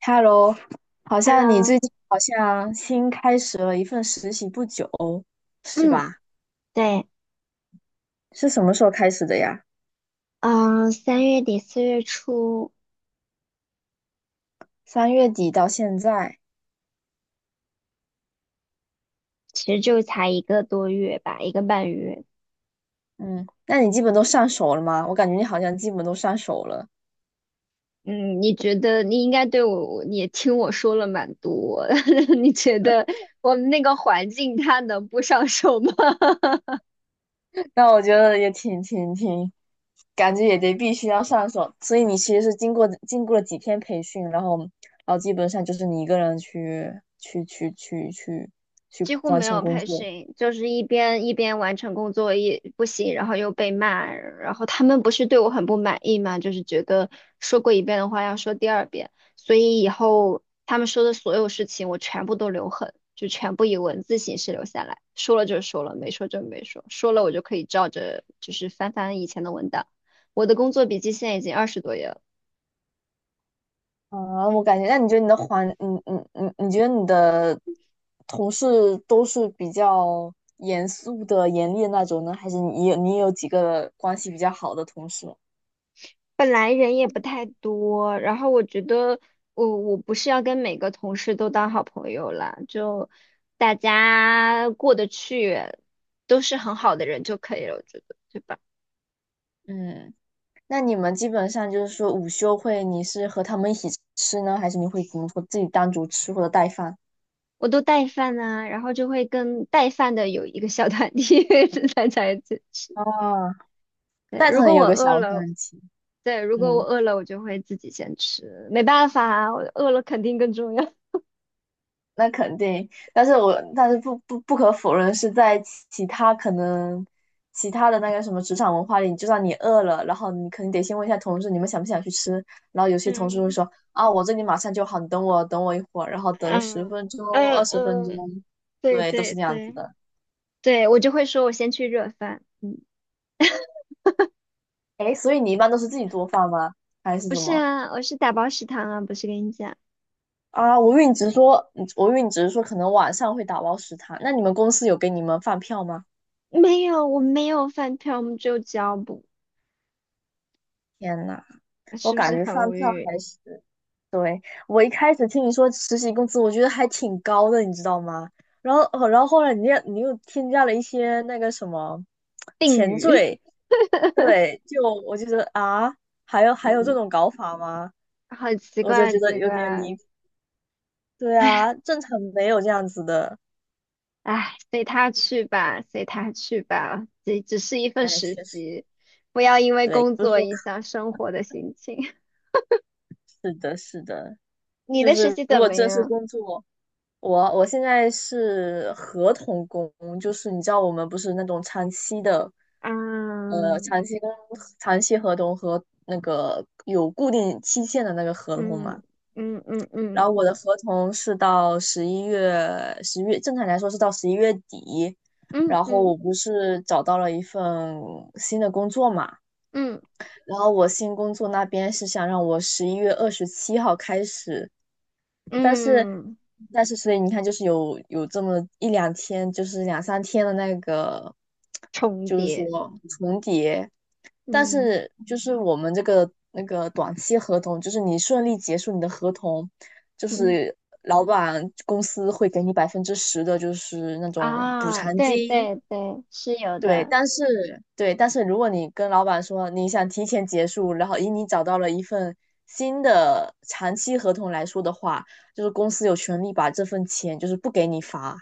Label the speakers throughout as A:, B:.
A: Hello，好像你最
B: Hello，
A: 近好像新开始了一份实习不久，是
B: 嗯，
A: 吧？
B: 对，
A: 是什么时候开始的呀？
B: 嗯，3月底4月初，
A: 三月底到现在，
B: 其实就才1个多月吧，1个半月。
A: 嗯，那你基本都上手了吗？我感觉你好像基本都上手了，
B: 嗯，你觉得你应该对我，你也听我说了蛮多。你觉得我们那个环境他能不上手吗？
A: 那我觉得也挺，感觉也得必须要上手，所以你其实是经过了几天培训，然后基本上就是你一个人去
B: 几乎
A: 完
B: 没
A: 成
B: 有
A: 工
B: 培
A: 作。
B: 训，就是一边一边完成工作一不行，然后又被骂，然后他们不是对我很不满意嘛，就是觉得说过一遍的话要说第二遍，所以以后他们说的所有事情我全部都留痕，就全部以文字形式留下来，说了就说了，没说就没说，说了我就可以照着就是翻翻以前的文档。我的工作笔记现在已经20多页了。
A: 啊，我感觉，那你觉得你的环，你你你你觉得你的同事都是比较严肃的、严厉的那种呢，还是你也有几个关系比较好的同事？
B: 本来人也不太多，然后我觉得我不是要跟每个同事都当好朋友了，就大家过得去，都是很好的人就可以了，我觉得，对吧？
A: 嗯，那你们基本上就是说午休会，你是和他们一起吃呢，还是你会怎么说自己单独吃或者带饭？
B: 我都带饭呢，然后就会跟带饭的有一个小团体 大家一起吃。
A: 啊，
B: 对，
A: 带
B: 如
A: 汤
B: 果
A: 也
B: 我
A: 有个小
B: 饿了，
A: 饭局，
B: 对，如果我
A: 嗯。
B: 饿了，我就会自己先吃，没办法啊，我饿了肯定更重要。
A: 那肯定，但是不可否认是在其他的那个什么职场文化里，你就算你饿了，然后你肯定得先问一下同事你们想不想去吃，然后有 些同事会
B: 嗯
A: 说啊我这里马上就好，你等我一会儿，然后等个十
B: 嗯
A: 分钟
B: 嗯
A: 二十分钟，
B: 嗯，对
A: 对，都
B: 对
A: 是这样子
B: 对。
A: 的。
B: 对，我就会说我先去热饭。
A: 哎，所以你一般都是自己做饭吗？还是
B: 不
A: 怎
B: 是
A: 么？
B: 啊，我是打包食堂啊，不是跟你讲。
A: 啊，我以为你只是说，我以为你只是说可能晚上会打包食堂，那你们公司有给你们饭票吗？
B: 没有，我没有饭票，我们只有胶布，
A: 天呐，我
B: 是不
A: 感
B: 是
A: 觉
B: 很
A: 饭
B: 无
A: 票
B: 语？
A: 还是。对，我一开始听你说实习工资，我觉得还挺高的，你知道吗？然后，哦然后后来你又添加了一些那个什么
B: 定
A: 前
B: 语。
A: 缀，对，就我就觉得啊，还有 还有这
B: 嗯，
A: 种搞法吗？
B: 好奇
A: 我就
B: 怪，很
A: 觉得
B: 奇
A: 有点
B: 怪。
A: 离谱。对
B: 唉
A: 啊，正常没有这样子的。
B: 唉，随他去吧，随他去吧，这只是一份
A: 哎，
B: 实
A: 确实，
B: 习，不要因为
A: 对，
B: 工
A: 不是
B: 作
A: 说
B: 影响生活的心情。
A: 是的，是的，
B: 你
A: 就
B: 的实
A: 是
B: 习
A: 如
B: 怎
A: 果
B: 么
A: 正式
B: 样？
A: 工作。我现在是合同工，就是你知道我们不是那种长期的，
B: 嗯
A: 长期工、长期合同和那个有固定期限的那个合同
B: 嗯
A: 嘛。
B: 嗯嗯
A: 然后
B: 嗯
A: 我的合同是到十一月，十月正常来说是到十一月底。
B: 嗯
A: 然后
B: 嗯
A: 我不是找到了一份新的工作嘛，
B: 嗯
A: 然后我新工作那边是想让我十一月二十七号开始，但是
B: 嗯，
A: 但是，所以你看，就是有这么一两天，就是两三天的那个，
B: 重
A: 就是说
B: 叠。
A: 重叠。但
B: 嗯
A: 是就是我们这个那个短期合同，就是你顺利结束你的合同，就
B: 嗯，
A: 是老板公司会给你百分之十的，就是那种补
B: 啊，
A: 偿
B: 对
A: 金。
B: 对对，是有
A: 对，
B: 的。
A: 但是对，但是如果你跟老板说你想提前结束，然后以你找到了一份新的长期合同来说的话，就是公司有权利把这份钱就是不给你发。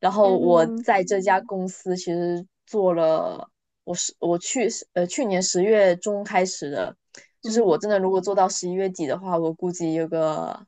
A: 然后我
B: 嗯
A: 在这家公司其实做了，我去去年十月中开始的，就是
B: 嗯
A: 我真的如果做到十一月底的话，我估计有个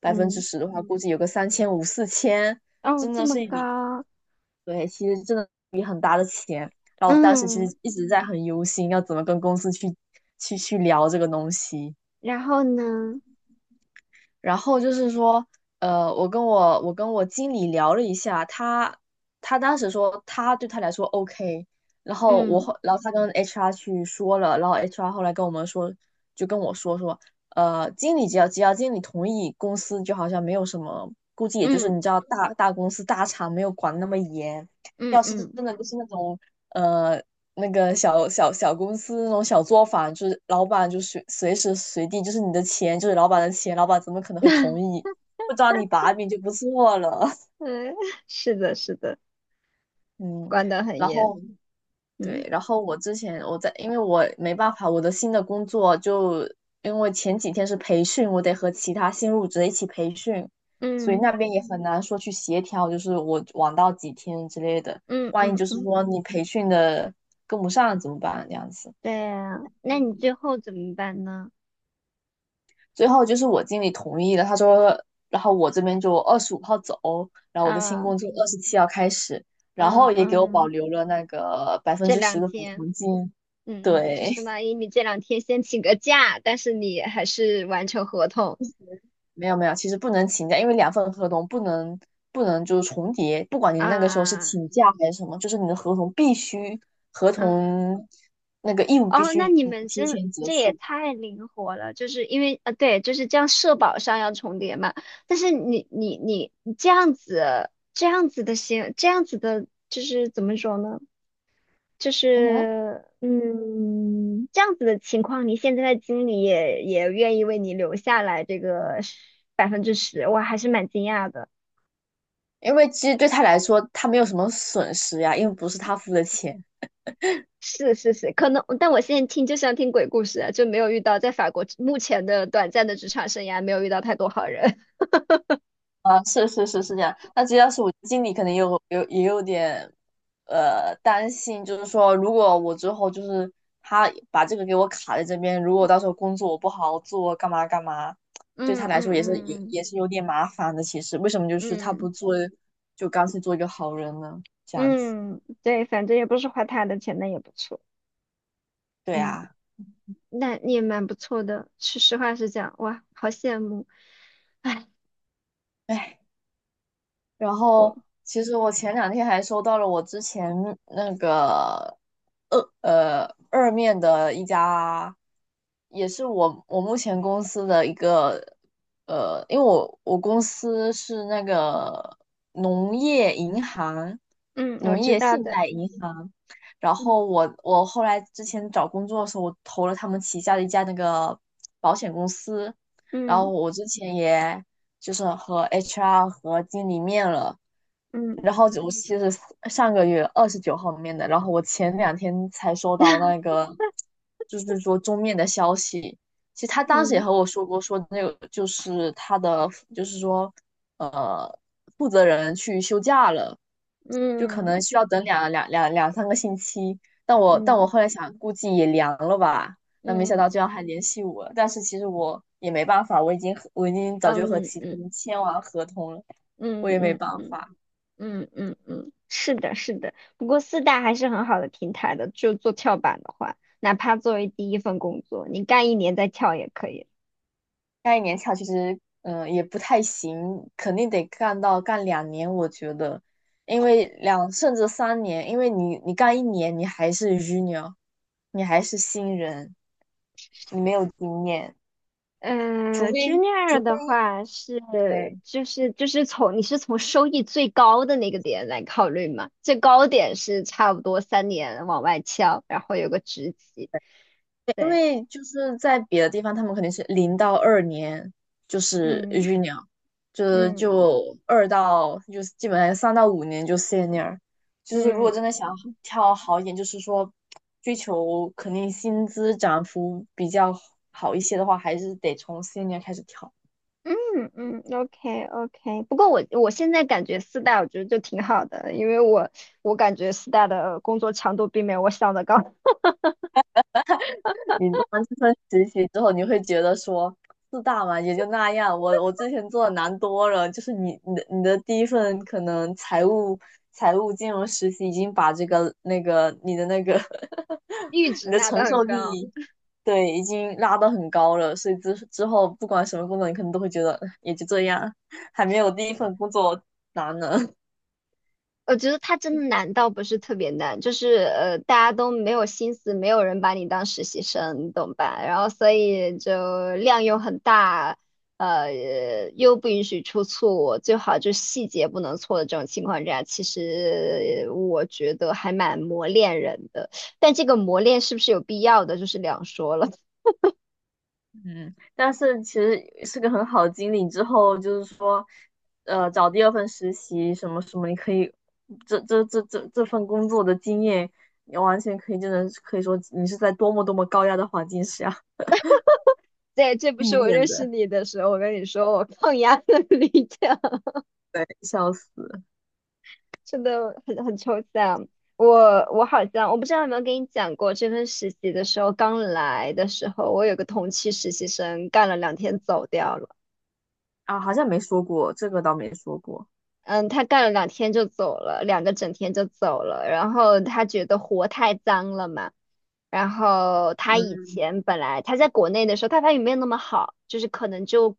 A: 百分之
B: 嗯，
A: 十的话，估计有个三千五四千，四千
B: 哦，
A: 真
B: 这
A: 的
B: 么
A: 是一笔
B: 高。
A: 对，其实真的。然后我当时其
B: 嗯，
A: 实一直在很忧心，要怎么跟公司去去聊这个东西。
B: 然后呢？
A: 然后就是说，我跟我经理聊了一下，他当时说他对他来说 OK，然后
B: 嗯
A: 他跟 HR 去说了，然后 HR 后来跟我们说，就跟我说，经理只要经理同意，公司就好像没有什么，估计也就是
B: 嗯
A: 你知道大公司大厂没有管那么严，
B: 嗯
A: 要是
B: 嗯
A: 真的就是那种。呃，那个小公司那种小作坊，就是老板就随时随地就是你的钱就是老板的钱，老板怎么可能会同意不抓你把柄就不错了？
B: 嗯，是的，是的，
A: 嗯，
B: 管得很
A: 然
B: 严。
A: 后
B: 嗯
A: 对，然后我之前我在，因为我没办法，我的新的工作就因为前几天是培训，我得和其他新入职的一起培训，所以
B: 嗯
A: 那边也很难说去协调，就是我晚到几天之类的，
B: 嗯
A: 万一
B: 嗯
A: 就是
B: 嗯，
A: 说你培训的跟不上怎么办？这样子。
B: 对啊，那你最后怎么办呢？
A: 最后就是我经理同意了，他说，然后我这边就二十五号走，然后我的新
B: 啊，
A: 工作二十七号开始，然
B: 嗯
A: 后也给我保
B: 嗯，
A: 留了那个百分
B: 这
A: 之十
B: 两
A: 的补
B: 天，
A: 偿金。
B: 嗯嗯，就
A: 对，
B: 相当于你这两天先请个假，但是你还是完成合同
A: 没有，其实不能请假，因为两份合同不能就是重叠，不管你那个时候是
B: 啊。
A: 请假还是什么，就是你的合同必须合
B: 啊。
A: 同那个义务必
B: 哦，那
A: 须
B: 你们
A: 提
B: 这
A: 前结
B: 这也
A: 束。
B: 太灵活了，就是因为对，就是这样社保上要重叠嘛。但是你这样子这样子的行，这样子的，就是怎么说呢？就
A: 嗯哼，
B: 是这样子的情况，你现在的经理也愿意为你留下来这个10%，我还是蛮惊讶的。
A: 因为其实对他来说，他没有什么损失呀，因为不是他付的钱。
B: 是是是，可能，但我现在听就像听鬼故事啊就没有遇到在法国目前的短暂的职场生涯，没有遇到太多好人。
A: 啊，是这样。那这要是我经理，可能也有也有点担心，就是说，如果我之后就是他把这个给我卡在这边，如果到时候工作我不好好做，干嘛干嘛，对他
B: 嗯嗯
A: 来说也是有
B: 嗯
A: 也是有点麻烦的。其实为什么就是他不
B: 嗯
A: 做，就干脆做一个好人呢？这样子，
B: 嗯，对，反正也不是花他的钱，那也不错。
A: 对
B: 嗯，
A: 啊，
B: 那你也蛮不错的。是实话实讲，哇，好羡慕。哎，
A: 唉。然
B: 我，
A: 后其实我前两天还收到了我之前那个二面的一家，也是我目前公司的一个因为我公司是那个农业银行，
B: 嗯，我
A: 农
B: 知
A: 业
B: 道
A: 信
B: 的。
A: 贷银行。然后
B: 嗯
A: 我之前找工作的时候，我投了他们旗下的一家那个保险公司，然后
B: 嗯
A: 我之前也就是和 HR 和经理面了。
B: 嗯
A: 然后就我其实上个月二十九号面的，然后我前两天才收到 那个，就是说终面的消息。其实他当时也
B: 嗯
A: 和我说过，说那个就是他的，就是说负责人去休假了，就可能
B: 嗯
A: 需要等两三个星期。但我
B: 嗯
A: 后来想，估计也凉了吧。那没
B: 嗯
A: 想到
B: 嗯
A: 居然还联系我，但是其实我也没办法，我已经早就和
B: 嗯
A: 其他
B: 嗯
A: 人签完合同了，我
B: 嗯
A: 也没
B: 嗯
A: 办法。
B: 嗯嗯嗯，是的，是的。不过四大还是很好的平台的，就做跳板的话，哪怕作为第一份工作，你干1年再跳也可以。
A: 干一年卡其实也不太行，肯定得干到干两年，我觉得，因为两甚至三年，因为你干一年你还是 junior，你还是新人，你没有经验。除
B: 嗯 j u
A: 非
B: n i o
A: 除
B: r 的
A: 非
B: 话是
A: 对，
B: 就是从你是从收益最高的那个点来考虑嘛，最高点是差不多3年往外翘，然后有个职级，
A: 因
B: 对。
A: 为就是在别的地方，他们肯定是零到二年就是
B: 嗯
A: junior，就是
B: 嗯
A: 就二到就是基本上三到五年就 senior，就是如果
B: 嗯
A: 真的想跳好一点，就是说追求肯定薪资涨幅比较好一些的话，还是得从 senior 开始跳。
B: 嗯嗯，OK OK。不过我现在感觉四大我觉得就挺好的，因为我感觉四大的工作强度并没有我想的高。
A: 你做完这份实习之后，你会觉得说四大嘛也就那样，我之前做的难多了。就是你的第一份可能财务金融实习已经把这个那个你的那个
B: 阈
A: 你
B: 值
A: 的
B: 拿的
A: 承
B: 很
A: 受
B: 高。
A: 力对已经拉得很高了，所以之后不管什么工作，你可能都会觉得哎也就这样，还没有第一份工作难呢。
B: 我觉得它真的难倒不是特别难，就是大家都没有心思，没有人把你当实习生，你懂吧？然后所以就量又很大，呃，又不允许出错，最好就细节不能错的这种情况下，其实我觉得还蛮磨练人的。但这个磨练是不是有必要的，就是两说了。
A: 嗯，但是其实是个很好的经历。之后就是说，找第二份实习什么什么，你可以这份工作的经验，你完全可以，真的是可以说你是在多么多么高压的环境下
B: 对，这不
A: 历
B: 是我
A: 练
B: 认识
A: 的。
B: 你的时候，我跟你说我 抗压的 理强。
A: 对，笑死
B: 真的很抽象。我好像我不知道有没有跟你讲过，这份实习的时候刚来的时候，我有个同期实习生干了两天走掉了。
A: 啊，好像没说过，这个倒没说过。
B: 嗯，他干了两天就走了，2个整天就走了。然后他觉得活太脏了嘛。然后他以
A: 嗯
B: 前本来他在国内的时候，他法语没有那么好，就是可能就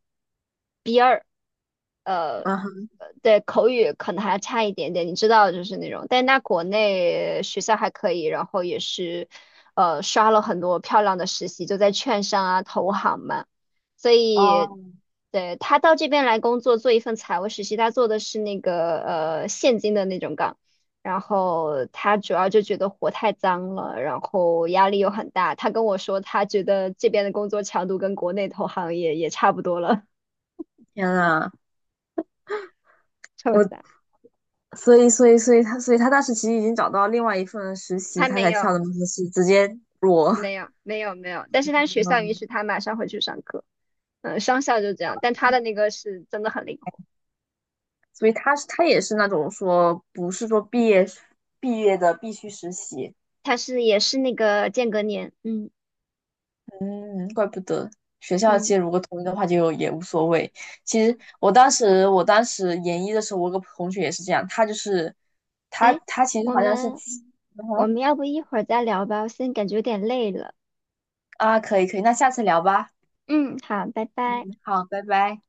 A: 啊哈
B: 对口语可能还差一点点，你知道就是那种，但他国内学校还可以，然后也是，刷了很多漂亮的实习，就在券商啊、投行嘛。所以，
A: 哦，
B: 对，他到这边来工作，做一份财务实习，他做的是那个现金的那种岗。然后他主要就觉得活太脏了，然后压力又很大，他跟我说他觉得这边的工作强度跟国内投行也差不多了。
A: 天呐，
B: 臭
A: 我
B: 三
A: 所以他当时其实已经找到另外一份实习，
B: 还
A: 他
B: 没
A: 才
B: 有。
A: 跳的就是直接裸。
B: 没有没有没有，但是他学校允许他 马上回去上课。嗯，商校就这样，但他的那个是真的很灵活，
A: 所以他是他也是那种说不是说毕业的必须实习，
B: 他是也是那个间隔年。嗯
A: 嗯，怪不得学校其
B: 嗯，
A: 实如果同意的话就也无所谓。其实我当时研一的时候，我有个同学也是这样，他就是他
B: 哎，
A: 他其实
B: 我
A: 好像是，
B: 们
A: 嗯
B: 我
A: 哼
B: 们要不一会儿再聊吧，我现在感觉有点累了。
A: 啊，可以，那下次聊吧，
B: 嗯，好，拜
A: 嗯，
B: 拜。
A: 好，拜拜。